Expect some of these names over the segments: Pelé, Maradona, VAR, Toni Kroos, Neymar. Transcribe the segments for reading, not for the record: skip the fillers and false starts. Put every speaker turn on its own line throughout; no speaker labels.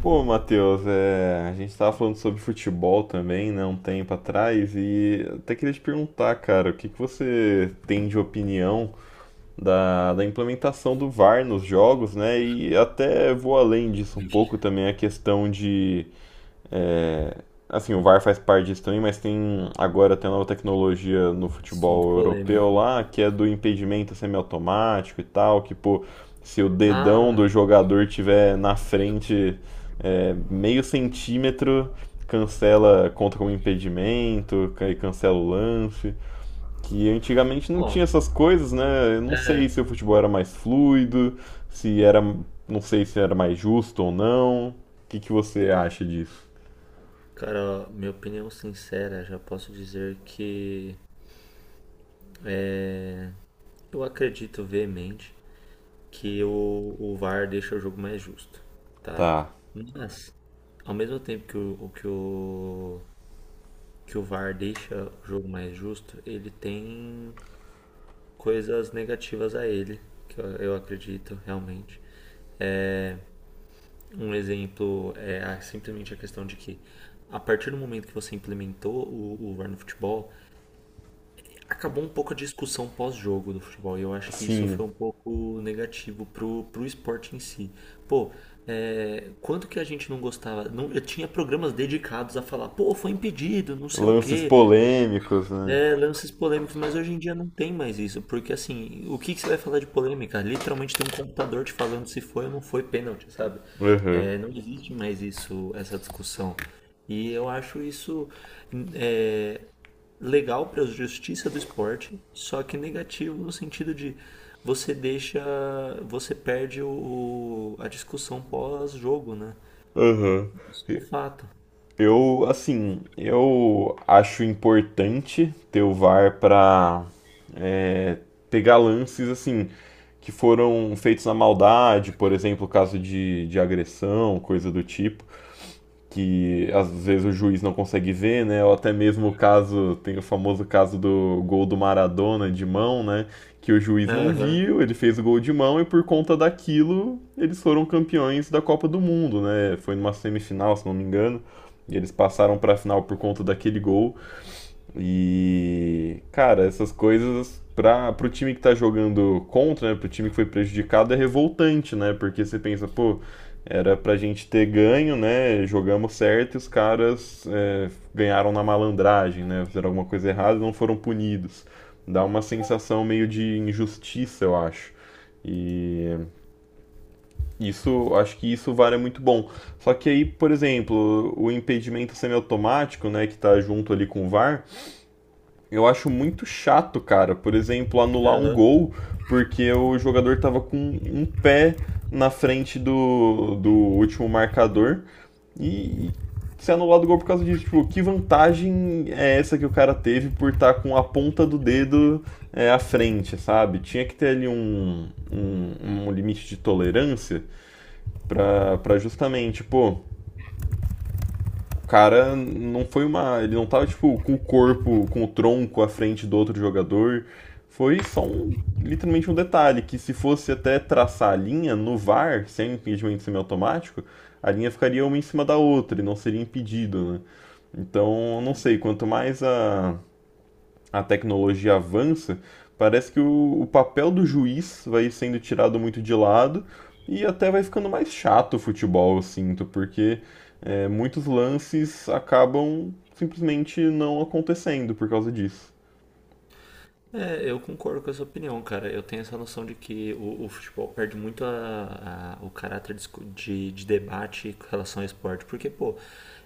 Pô, Matheus, a gente tava falando sobre futebol também, né, um tempo atrás, e até queria te perguntar, cara, o que que você tem de opinião da implementação do VAR nos jogos, né? E até vou além disso um
Ixi,
pouco também a questão de é, assim, o VAR faz parte disso também, mas tem agora tem uma nova tecnologia no
assunto
futebol
polêmico,
europeu
né?
lá, que é do impedimento semiautomático e tal, que pô, se o dedão
Ah,
do jogador tiver na frente meio centímetro, cancela, conta como impedimento, aí cancela o lance. Que antigamente não
ó,
tinha essas coisas, né? Eu não sei
é.
se o futebol era mais fluido, se era, não sei se era mais justo ou não. O que que você acha disso?
Cara, ó, minha opinião sincera, já posso dizer que eu acredito veemente que o VAR deixa o jogo mais justo, tá?
Tá.
Mas, ao mesmo tempo que que o VAR deixa o jogo mais justo, ele tem coisas negativas a ele, que eu acredito realmente. Um exemplo é simplesmente a questão de que, a partir do momento que você implementou o VAR no futebol, acabou um pouco a discussão pós-jogo do futebol. E eu acho que isso
Sim.
foi um pouco negativo pro esporte em si. Pô, quanto que a gente não gostava? Não, eu tinha programas dedicados a falar, pô, foi impedido, não sei o
Lances
quê.
polêmicos, né?
É, lances polêmicos, mas hoje em dia não tem mais isso, porque assim, o que que você vai falar de polêmica? Literalmente tem um computador te falando se foi ou não foi pênalti, sabe?
Aham.
É, não existe mais isso, essa discussão. E eu acho isso é, legal para a justiça do esporte, só que negativo no sentido de você deixa, você perde a discussão pós-jogo, né?
Aham.
De fato.
Eu acho importante ter o VAR pra pegar lances, assim, que foram feitos na maldade, por exemplo, caso de agressão, coisa do tipo. Que às vezes o juiz não consegue ver, né? Ou até mesmo o caso, tem o famoso caso do gol do Maradona de mão, né? Que o juiz não
Aham,
viu, ele fez o gol de mão e por conta daquilo eles foram campeões da Copa do Mundo, né? Foi numa semifinal, se não me engano, e eles passaram para a final por conta daquele gol. E, cara, essas coisas para pro time que tá jogando contra, né, pro time que foi prejudicado é revoltante, né? Porque você pensa, pô, era pra gente ter ganho, né? Jogamos certo e os caras ganharam na malandragem, né? Fizeram alguma coisa errada e não foram punidos. Dá uma sensação meio de injustiça, eu acho. E isso, acho que isso vale muito bom. Só que aí, por exemplo, o impedimento semiautomático, né, que tá junto ali com o VAR, eu acho muito chato, cara, por exemplo, anular um
aham.
gol porque o jogador tava com um pé na frente do último marcador e ser anulado o gol por causa disso. Tipo, que vantagem é essa que o cara teve por estar com a ponta do dedo à frente, sabe? Tinha que ter ali um limite de tolerância, tá? Para justamente, pô, o cara não foi uma. Ele não tava, tipo, com o corpo, com o tronco à frente do outro jogador. Foi só um, literalmente um detalhe, que se fosse até traçar a linha no VAR, sem impedimento semiautomático, a linha ficaria uma em cima da outra e não seria impedido, né? Então, não sei, quanto mais a tecnologia avança, parece que o papel do juiz vai sendo tirado muito de lado e até vai ficando mais chato o futebol, eu sinto, porque muitos lances acabam simplesmente não acontecendo por causa disso.
É, eu concordo com essa opinião, cara. Eu tenho essa noção de que o futebol perde muito o caráter de debate com relação ao esporte. Porque, pô,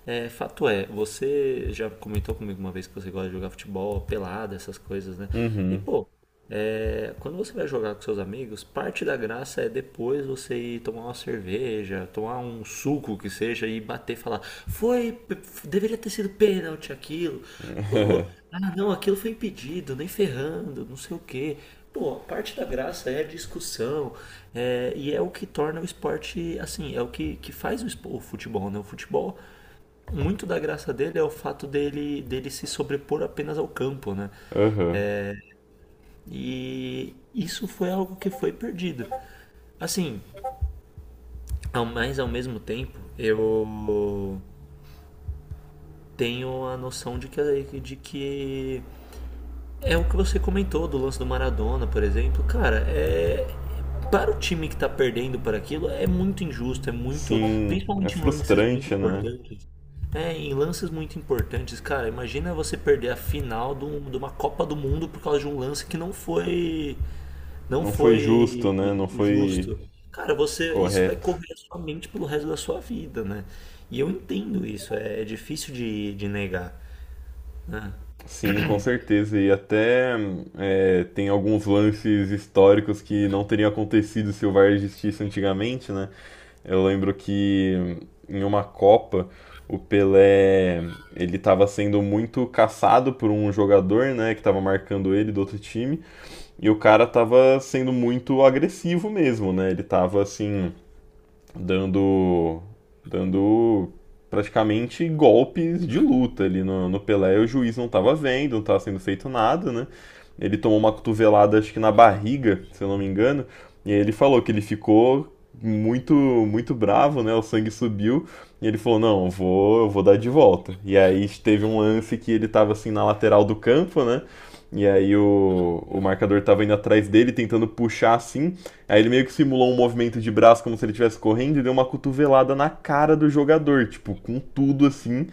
fato é, você já comentou comigo uma vez que você gosta de jogar futebol, pelada, essas coisas, né? E,
Uhum.
pô, quando você vai jogar com seus amigos, parte da graça é depois você ir tomar uma cerveja, tomar um suco que seja e bater e falar: Foi, p- deveria ter sido pênalti aquilo. Pô, ah não, aquilo foi impedido, nem ferrando, não sei o quê. Pô, parte da graça é a discussão, e é o que torna o esporte assim, é o que faz o futebol, né? O futebol, muito da graça dele é o fato dele se sobrepor apenas ao campo, né?
Aham.
E isso foi algo que foi perdido. Assim, mas ao mesmo tempo, eu tenho a noção de que é o que você comentou do lance do Maradona, por exemplo. Cara, é. Para o time que tá perdendo por aquilo, é muito injusto, é muito.
Sim, é
Principalmente em lances muito
frustrante, né?
importantes. É, em lances muito importantes, cara, imagina você perder a final de uma Copa do Mundo por causa de um lance que não foi Não
Não foi
foi
justo, né? Não foi
justo. Cara, você, isso vai
correto.
correr a sua mente pelo resto da sua vida, né? E eu entendo isso, é difícil de negar.
Sim, com certeza. E até tem alguns lances históricos que não teriam acontecido se o VAR existisse antigamente, né? Eu lembro que em uma Copa, o Pelé, ele estava sendo muito caçado por um jogador, né, que estava marcando ele do outro time, e o cara estava sendo muito agressivo mesmo, né? Ele estava assim, dando dando praticamente golpes de luta ali no Pelé. O juiz não estava vendo, não estava sendo feito nada, né? Ele tomou uma cotovelada, acho que na barriga, se eu não me engano, e aí ele falou que ele ficou muito muito bravo, né? O sangue subiu e ele falou: "Não, eu vou dar de volta". E aí teve um lance que ele estava assim na lateral do campo, né? E aí o marcador estava indo atrás dele, tentando puxar assim. Aí ele meio que simulou um movimento de braço como se ele estivesse correndo e deu uma cotovelada na cara do jogador, tipo, com tudo assim.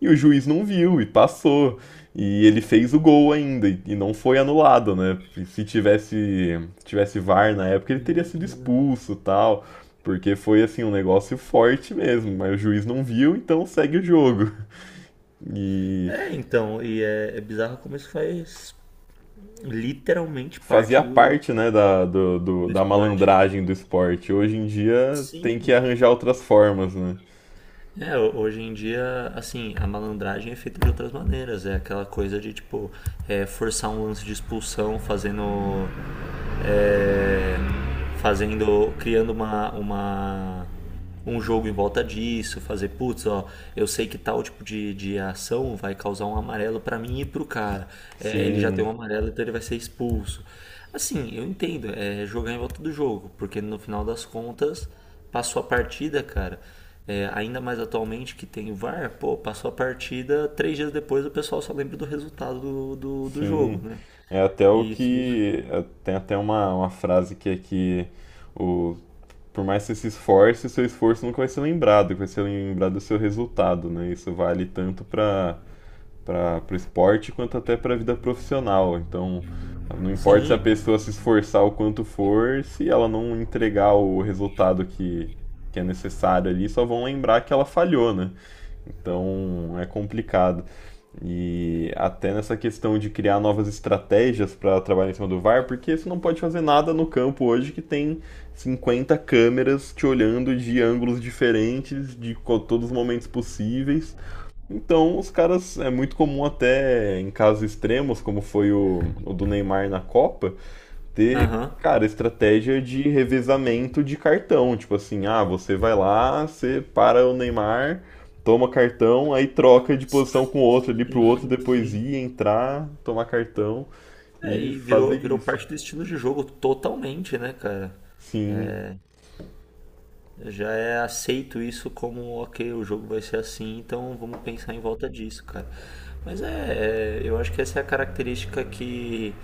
E o juiz não viu e passou. E ele fez o gol ainda e não foi anulado, né? E se tivesse VAR na época, ele teria sido
E,
expulso, e tal, porque foi assim um negócio forte mesmo, mas o juiz não viu, então segue o jogo.
É,
E
é, então, e é bizarro como isso faz literalmente parte
fazia
do,
parte, né, da
do
da
esporte.
malandragem do esporte. Hoje em dia tem que
Sim,
arranjar outras formas, né?
é, hoje em dia, assim, a malandragem é feita de outras maneiras. É aquela coisa de, tipo, forçar um lance de expulsão fazendo. É, fazendo. Criando uma, uma. Um jogo em volta disso. Fazer, putz, ó, eu sei que tal tipo de ação vai causar um amarelo pra mim e pro cara. É, ele já tem um
Sim,
amarelo, então ele vai ser expulso. Assim, eu entendo, é jogar em volta do jogo, porque no final das contas. Passou a partida, cara. É, ainda mais atualmente que tem o VAR, pô, passou a partida, 3 dias depois o pessoal só lembra do resultado do
sim.
jogo, né?
É até o
Isso.
que. Tem até uma frase que é que o, por mais que você se esforce, seu esforço nunca vai ser lembrado, vai ser lembrado do seu resultado, né? Isso vale tanto para o esporte quanto até para a vida profissional. Então, não importa se a
Sim.
pessoa se esforçar o quanto for, se ela não entregar o resultado que é necessário ali, só vão lembrar que ela falhou, né? Então é complicado. E até nessa questão de criar novas estratégias para trabalhar em cima do VAR, porque você não pode fazer nada no campo hoje que tem 50 câmeras te olhando de ângulos diferentes, de todos os momentos possíveis. Então, os caras, é muito comum até em casos extremos, como foi o do Neymar na Copa, ter,
Aham.
cara, estratégia de revezamento de cartão. Tipo assim, ah, você vai lá, você para o Neymar, toma cartão, aí troca de posição com o outro ali pro outro
Sim,
depois
sim.
ir, entrar, tomar cartão
É,
e
e virou,
fazer
virou
isso.
parte do estilo de jogo totalmente, né, cara?
Sim,
Já é aceito isso como, ok, o jogo vai ser assim, então vamos pensar em volta disso, cara. Mas eu acho que essa é a característica que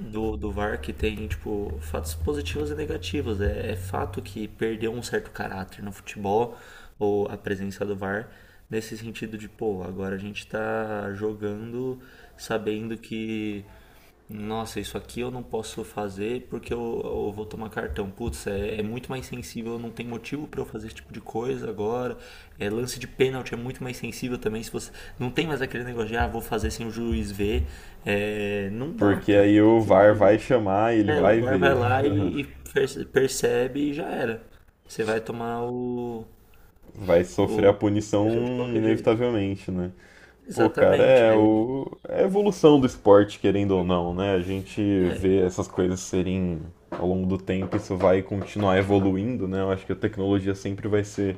do VAR que tem, tipo, fatos positivos e negativos. É, é fato que perdeu um certo caráter no futebol, ou a presença do VAR, nesse sentido de, pô, agora a gente tá jogando sabendo que, nossa, isso aqui eu não posso fazer porque eu vou tomar cartão. Putz, é muito mais sensível, não tem motivo pra eu fazer esse tipo de coisa agora. É, lance de pênalti é muito mais sensível também. Se você Não tem mais aquele negócio de, ah, vou fazer sem o juiz ver. É, não dá,
porque
cara.
aí o VAR vai chamar e ele
É, o
vai
VAR vai
ver.
lá e, percebe e já era. Você vai tomar o,
Vai sofrer a
o, o
punição
cartão de qualquer jeito.
inevitavelmente, né? Pô, cara,
Exatamente.
é,
Aí,
o, é a evolução do esporte, querendo ou não, né? A gente
é,
vê essas coisas serem, ao longo do tempo, isso vai continuar evoluindo, né? Eu acho que a tecnologia sempre vai ser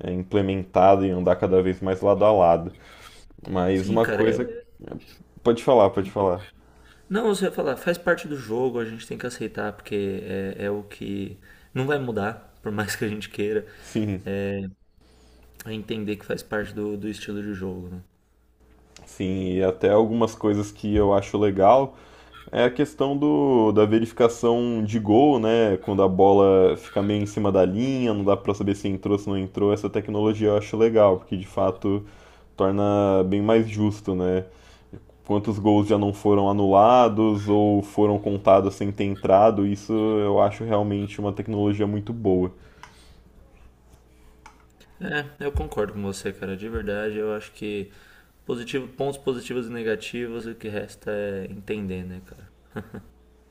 implementada e andar cada vez mais lado a lado. Mas
sim,
uma
cara.
coisa. Pode falar, pode falar.
Não, você vai falar, faz parte do jogo, a gente tem que aceitar, porque é o que não vai mudar, por mais que a gente queira,
Sim.
é entender que faz parte do estilo de jogo, né?
Sim, e até algumas coisas que eu acho legal é a questão do, da verificação de gol, né? Quando a bola fica meio em cima da linha, não dá pra saber se entrou, se não entrou. Essa tecnologia eu acho legal, porque de fato torna bem mais justo, né? Quantos gols já não foram anulados ou foram contados sem ter entrado, isso eu acho realmente uma tecnologia muito boa.
É, eu concordo com você, cara. De verdade, eu acho que pontos positivos e negativos, o que resta é entender, né, cara?